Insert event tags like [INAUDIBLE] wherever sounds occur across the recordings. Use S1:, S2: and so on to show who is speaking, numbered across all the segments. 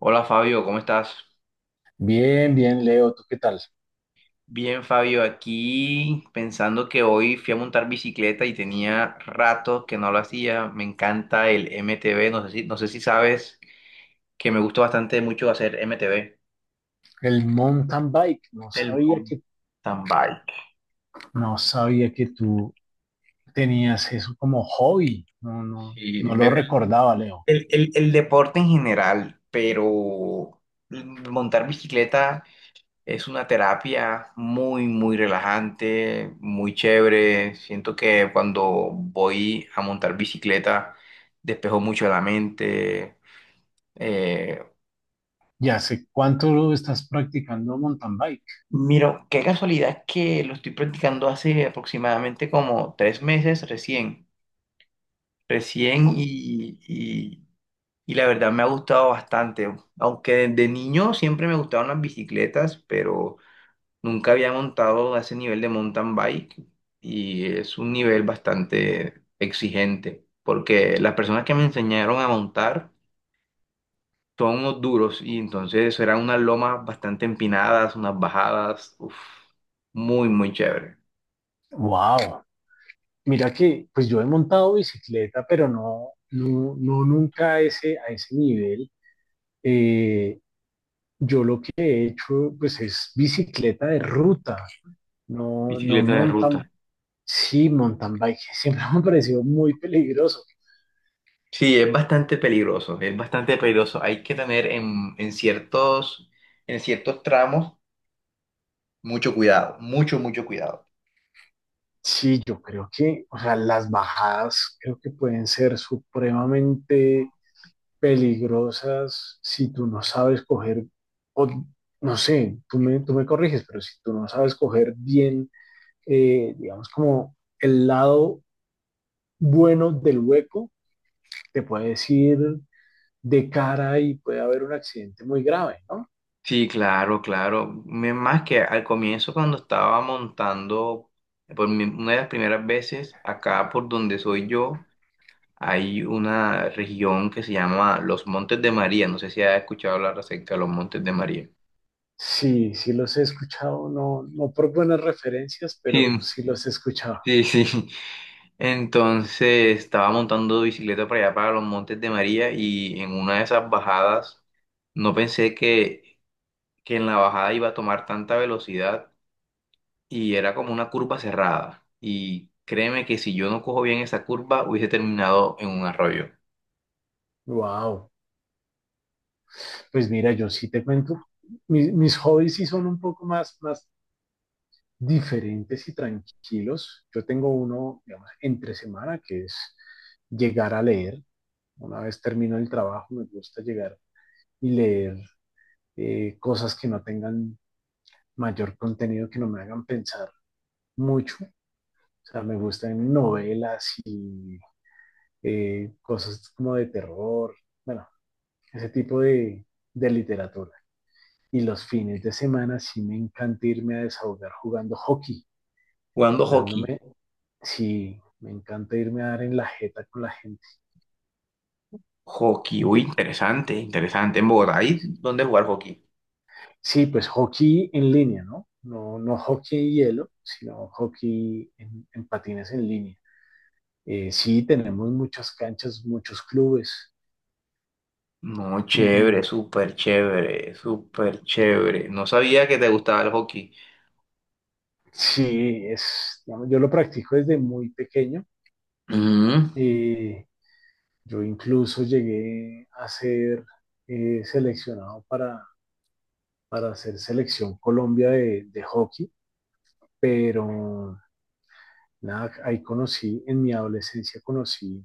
S1: Hola Fabio, ¿cómo estás?
S2: Bien, bien, Leo, ¿tú qué tal?
S1: Bien, Fabio, aquí pensando que hoy fui a montar bicicleta y tenía rato que no lo hacía. Me encanta el MTB, no sé si sabes que me gusta bastante mucho hacer MTB.
S2: El mountain bike, no
S1: El
S2: sabía que,
S1: mountain bike.
S2: no sabía que tú tenías eso como hobby, no, no,
S1: Sí,
S2: no
S1: me-
S2: lo
S1: el,
S2: recordaba, Leo.
S1: el- el- el deporte en general, pero montar bicicleta es una terapia muy, muy relajante, muy chévere. Siento que cuando voy a montar bicicleta despejo mucho la mente. Eh,
S2: ¿Y hace cuánto lo estás practicando mountain bike?
S1: mira, qué casualidad que lo estoy practicando hace aproximadamente como 3 meses recién. Recién y, y- y la verdad me ha gustado bastante. Aunque de niño siempre me gustaron las bicicletas, pero nunca había montado a ese nivel de mountain bike y es un nivel bastante exigente porque las personas que me enseñaron a montar son unos duros y entonces eran unas lomas bastante empinadas, unas bajadas, uf, muy, muy chévere.
S2: Wow, mira que, pues yo he montado bicicleta, pero no nunca a ese nivel. Eh, yo lo que he hecho, pues es bicicleta de ruta, no
S1: Bicicleta de
S2: mountain.
S1: ruta.
S2: Sí, mountain bike [LAUGHS] siempre me ha parecido muy peligroso.
S1: Sí, es bastante peligroso, es bastante peligroso. Hay que tener en ciertos tramos mucho cuidado, mucho, mucho cuidado.
S2: Sí, yo creo que, o sea, las bajadas creo que pueden ser supremamente peligrosas si tú no sabes coger, o no sé, tú me corriges, pero si tú no sabes coger bien, digamos, como el lado bueno del hueco, te puedes ir de cara y puede haber un accidente muy grave, ¿no?
S1: Sí, claro, claro. Más que al comienzo cuando estaba montando, una de las primeras veces, acá por donde soy yo, hay una región que se llama Los Montes de María. No sé si has escuchado hablar acerca de los Montes de María.
S2: Sí, sí los he escuchado, no, no por buenas referencias,
S1: Sí,
S2: pero sí los he escuchado.
S1: sí, sí. [LAUGHS] Entonces estaba montando bicicleta para allá, para los Montes de María, y en una de esas bajadas, no pensé que en la bajada iba a tomar tanta velocidad. Y era como una curva cerrada. Y créeme que si yo no cojo bien esa curva, hubiese terminado en un arroyo.
S2: Wow. Pues mira, yo sí te cuento, mis hobbies sí son un poco más, más diferentes y tranquilos. Yo tengo uno, digamos, entre semana, que es llegar a leer. Una vez termino el trabajo, me gusta llegar y leer cosas que no tengan mayor contenido, que no me hagan pensar mucho. O sea, me gustan novelas y cosas como de terror, bueno, ese tipo de literatura. Y los fines de semana sí me encanta irme a desahogar jugando hockey,
S1: Jugando hockey.
S2: dándome, sí, me encanta irme a dar en la jeta con la gente.
S1: Hockey, uy,
S2: De-
S1: interesante, interesante. En Bogotá, ¿ahí dónde jugar hockey?
S2: sí, pues hockey en línea, ¿no? No, no hockey en hielo, sino hockey en patines en línea. Sí, tenemos muchas canchas, muchos clubes.
S1: No,
S2: Y
S1: chévere, súper chévere, súper chévere. No sabía que te gustaba el hockey.
S2: sí, es, digamos, yo lo practico desde muy pequeño.
S1: Ujú,
S2: eh, Yo incluso llegué a ser seleccionado para hacer selección Colombia de hockey, pero nada, ahí conocí, en mi adolescencia conocí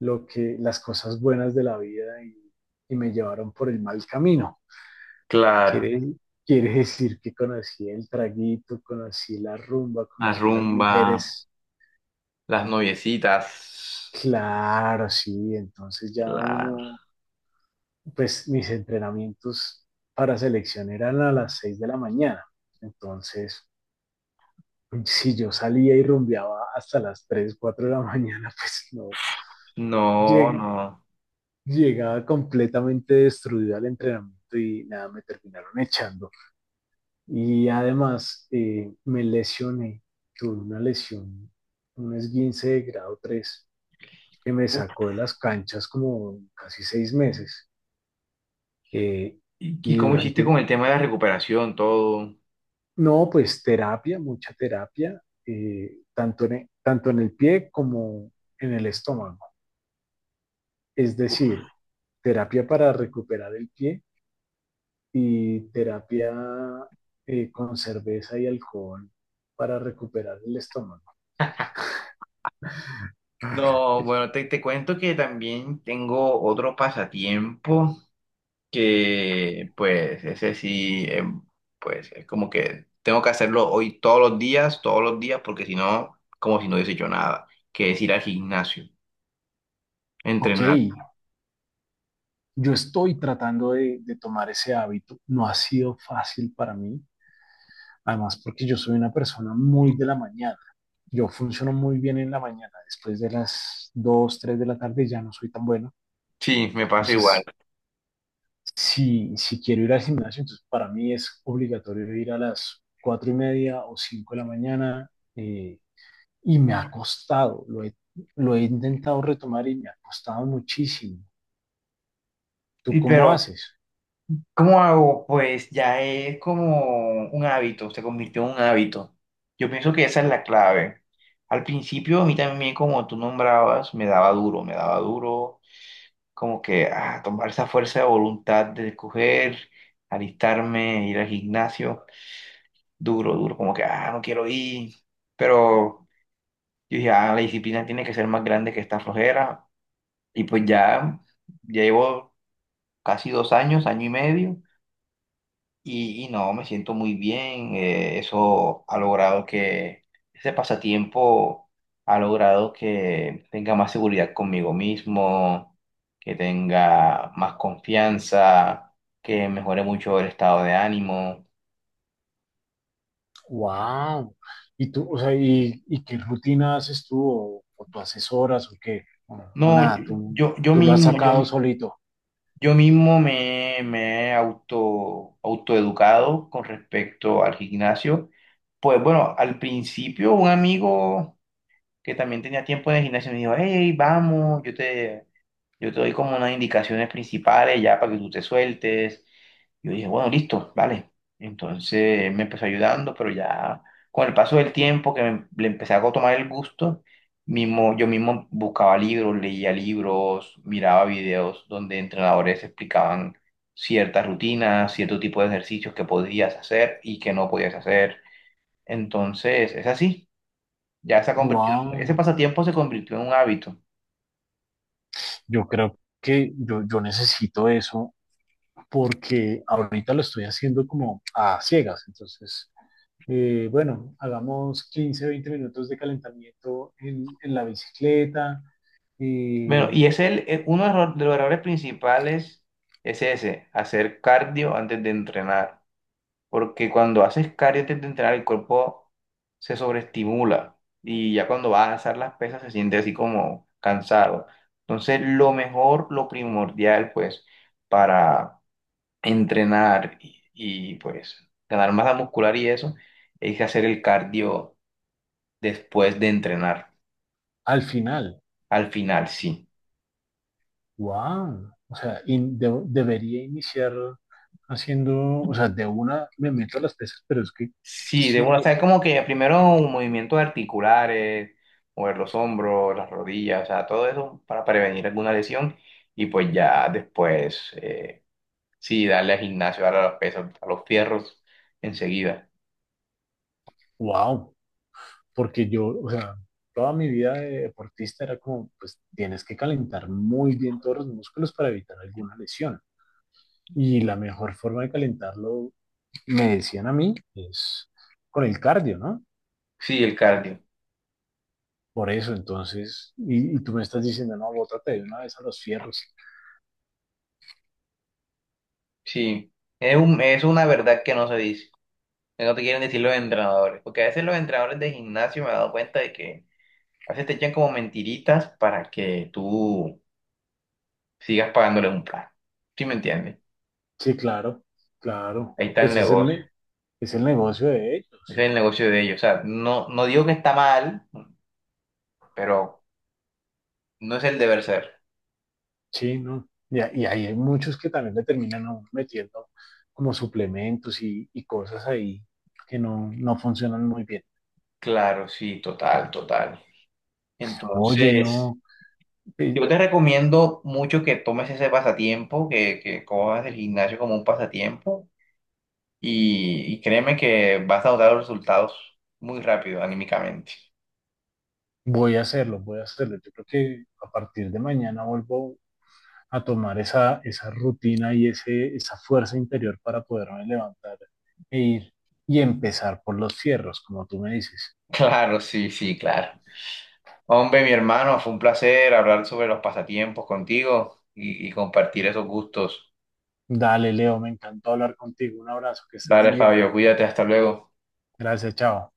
S2: lo que, las cosas buenas de la vida y me llevaron por el mal camino.
S1: claro,
S2: Quiere, quiere decir que conocí el traguito, conocí la rumba,
S1: la
S2: conocí las
S1: rumba,
S2: mujeres.
S1: las noviecitas.
S2: Claro, sí, entonces ya
S1: Claro.
S2: uno pues mis entrenamientos para selección eran a las 6 de la mañana. Entonces, si yo salía y rumbeaba hasta las 3 4 de la [LAUGHS] mañana, pues no,
S1: No,
S2: lleg-
S1: no.
S2: llegaba completamente destruido al entrenamiento y nada, me terminaron echando. Y además me lesioné, tuve una lesión, un esguince de grado 3 que me
S1: Uf,
S2: sacó de las canchas como casi 6 meses. Eh,
S1: ¿Y
S2: y
S1: cómo hiciste con
S2: durante
S1: el tema de la recuperación, todo?
S2: No, pues terapia, mucha terapia, tanto en el pie como en el estómago. Es decir, terapia para recuperar el pie y terapia con cerveza y alcohol para recuperar el estómago.
S1: No, bueno, te cuento que también tengo otro pasatiempo que, pues, ese sí, pues, es como que tengo que hacerlo hoy todos los días, porque si no, como si no hubiese hecho nada, que es ir al gimnasio,
S2: Ok,
S1: entrenar.
S2: yo estoy tratando de tomar ese hábito. No ha sido fácil para mí, además porque yo soy una persona muy de la mañana. Yo funciono muy bien en la mañana. Después de las 2, 3 de la tarde ya no soy tan bueno.
S1: Sí, me pasa igual.
S2: Entonces, si, si quiero ir al gimnasio, entonces para mí es obligatorio ir a las 4:30 o 5 de la mañana, eh, y me ha costado, lo he intentado retomar y me ha costado muchísimo. ¿Tú
S1: Y
S2: cómo
S1: pero,
S2: haces?
S1: ¿cómo hago? Pues ya es como un hábito, se convirtió en un hábito. Yo pienso que esa es la clave. Al principio, a mí también, como tú nombrabas, me daba duro como que ah, tomar esa fuerza de voluntad de coger, alistarme, ir al gimnasio, duro, duro, como que, ah, no quiero ir, pero yo dije, ah, la disciplina tiene que ser más grande que esta flojera, y pues ya, ya llevo casi 2 años, año y medio, y no, me siento muy bien. Eso ha logrado que, ese pasatiempo ha logrado que tenga más seguridad conmigo mismo, que tenga más confianza, que mejore mucho el estado de ánimo.
S2: ¡Wow! ¿Y tú, o sea, y qué rutina haces tú o, tú haces horas o qué? O
S1: No,
S2: nada, tú,
S1: yo, yo
S2: tú lo has
S1: mismo, yo,
S2: sacado solito.
S1: yo mismo me, he autoeducado con respecto al gimnasio. Pues bueno, al principio un amigo que también tenía tiempo de gimnasio, me dijo, hey, vamos, yo te doy como unas indicaciones principales ya para que tú te sueltes. Yo dije, bueno, listo, vale. Entonces él me empezó ayudando, pero ya con el paso del tiempo que le empecé a tomar el gusto, yo mismo buscaba libros, leía libros, miraba videos donde entrenadores explicaban ciertas rutinas, cierto tipo de ejercicios que podías hacer y que no podías hacer. Entonces, es así. Ya se ha convertido,
S2: ¡Wow!
S1: ese pasatiempo se convirtió en un hábito.
S2: Yo creo que yo necesito eso porque ahorita lo estoy haciendo como a ciegas. Entonces, bueno, hagamos 15 20 minutos de calentamiento en la bicicleta.
S1: Bueno,
S2: Eh,
S1: y es uno de los errores principales es ese, hacer cardio antes de entrenar. Porque cuando haces cardio antes de entrenar, el cuerpo se sobreestimula y ya cuando vas a alzar las pesas se siente así como cansado. Entonces, lo mejor, lo primordial, pues, para entrenar y pues ganar masa muscular y eso, es hacer el cardio después de entrenar.
S2: Al final,
S1: Al final, sí.
S2: wow, o sea, debería iniciar haciendo, o sea, de una me meto a las pesas, pero es que,
S1: Sí, de
S2: sí,
S1: una, o sea, es como que primero un movimiento de articulares, mover los hombros, las rodillas, o sea, todo eso para prevenir alguna lesión y pues ya después, sí, darle al gimnasio, darle a los pesos, a los fierros enseguida.
S2: wow, porque yo, o sea, toda mi vida de deportista era como, pues tienes que calentar muy bien todos los músculos para evitar alguna lesión. Y la mejor forma de calentarlo, me decían a mí, es con el cardio, ¿no?
S1: Sí, el cardio,
S2: Por eso, entonces, y tú me estás diciendo, no, bótate de una vez a los fierros.
S1: sí. Es una verdad que no se dice, que no te quieren decir los entrenadores, porque a veces los entrenadores de gimnasio me he dado cuenta de que a veces te echan como mentiritas para que tú sigas pagándoles un plan. ¿Sí me entiendes?
S2: Sí, claro, claro,
S1: Ahí está el
S2: pues es el,
S1: negocio.
S2: ne- es el negocio de
S1: Ese
S2: ellos.
S1: es el negocio de ellos. O sea, no digo que está mal, pero no es el deber ser.
S2: Sí, ¿no? Y ahí hay muchos que también le terminan a uno metiendo como suplementos y cosas ahí que no, no funcionan muy bien.
S1: Claro, sí, total, total.
S2: Oye,
S1: Entonces,
S2: no, eh,
S1: yo te recomiendo mucho que tomes ese pasatiempo, que cojas el gimnasio como un pasatiempo y créeme que vas a notar los resultados muy rápido, anímicamente. [LAUGHS]
S2: voy a hacerlo, voy a hacerlo. Yo creo que a partir de mañana vuelvo a tomar esa rutina y ese, esa fuerza interior para poderme levantar e ir y empezar por los cierros, como tú me dices.
S1: Claro, sí, sí, claro. Hombre, mi hermano, fue un placer hablar sobre los pasatiempos contigo y compartir esos gustos.
S2: Dale, Leo, me encantó hablar contigo. Un abrazo, que estés muy
S1: Dale,
S2: bien.
S1: Fabio, cuídate, hasta luego.
S2: Gracias, chao.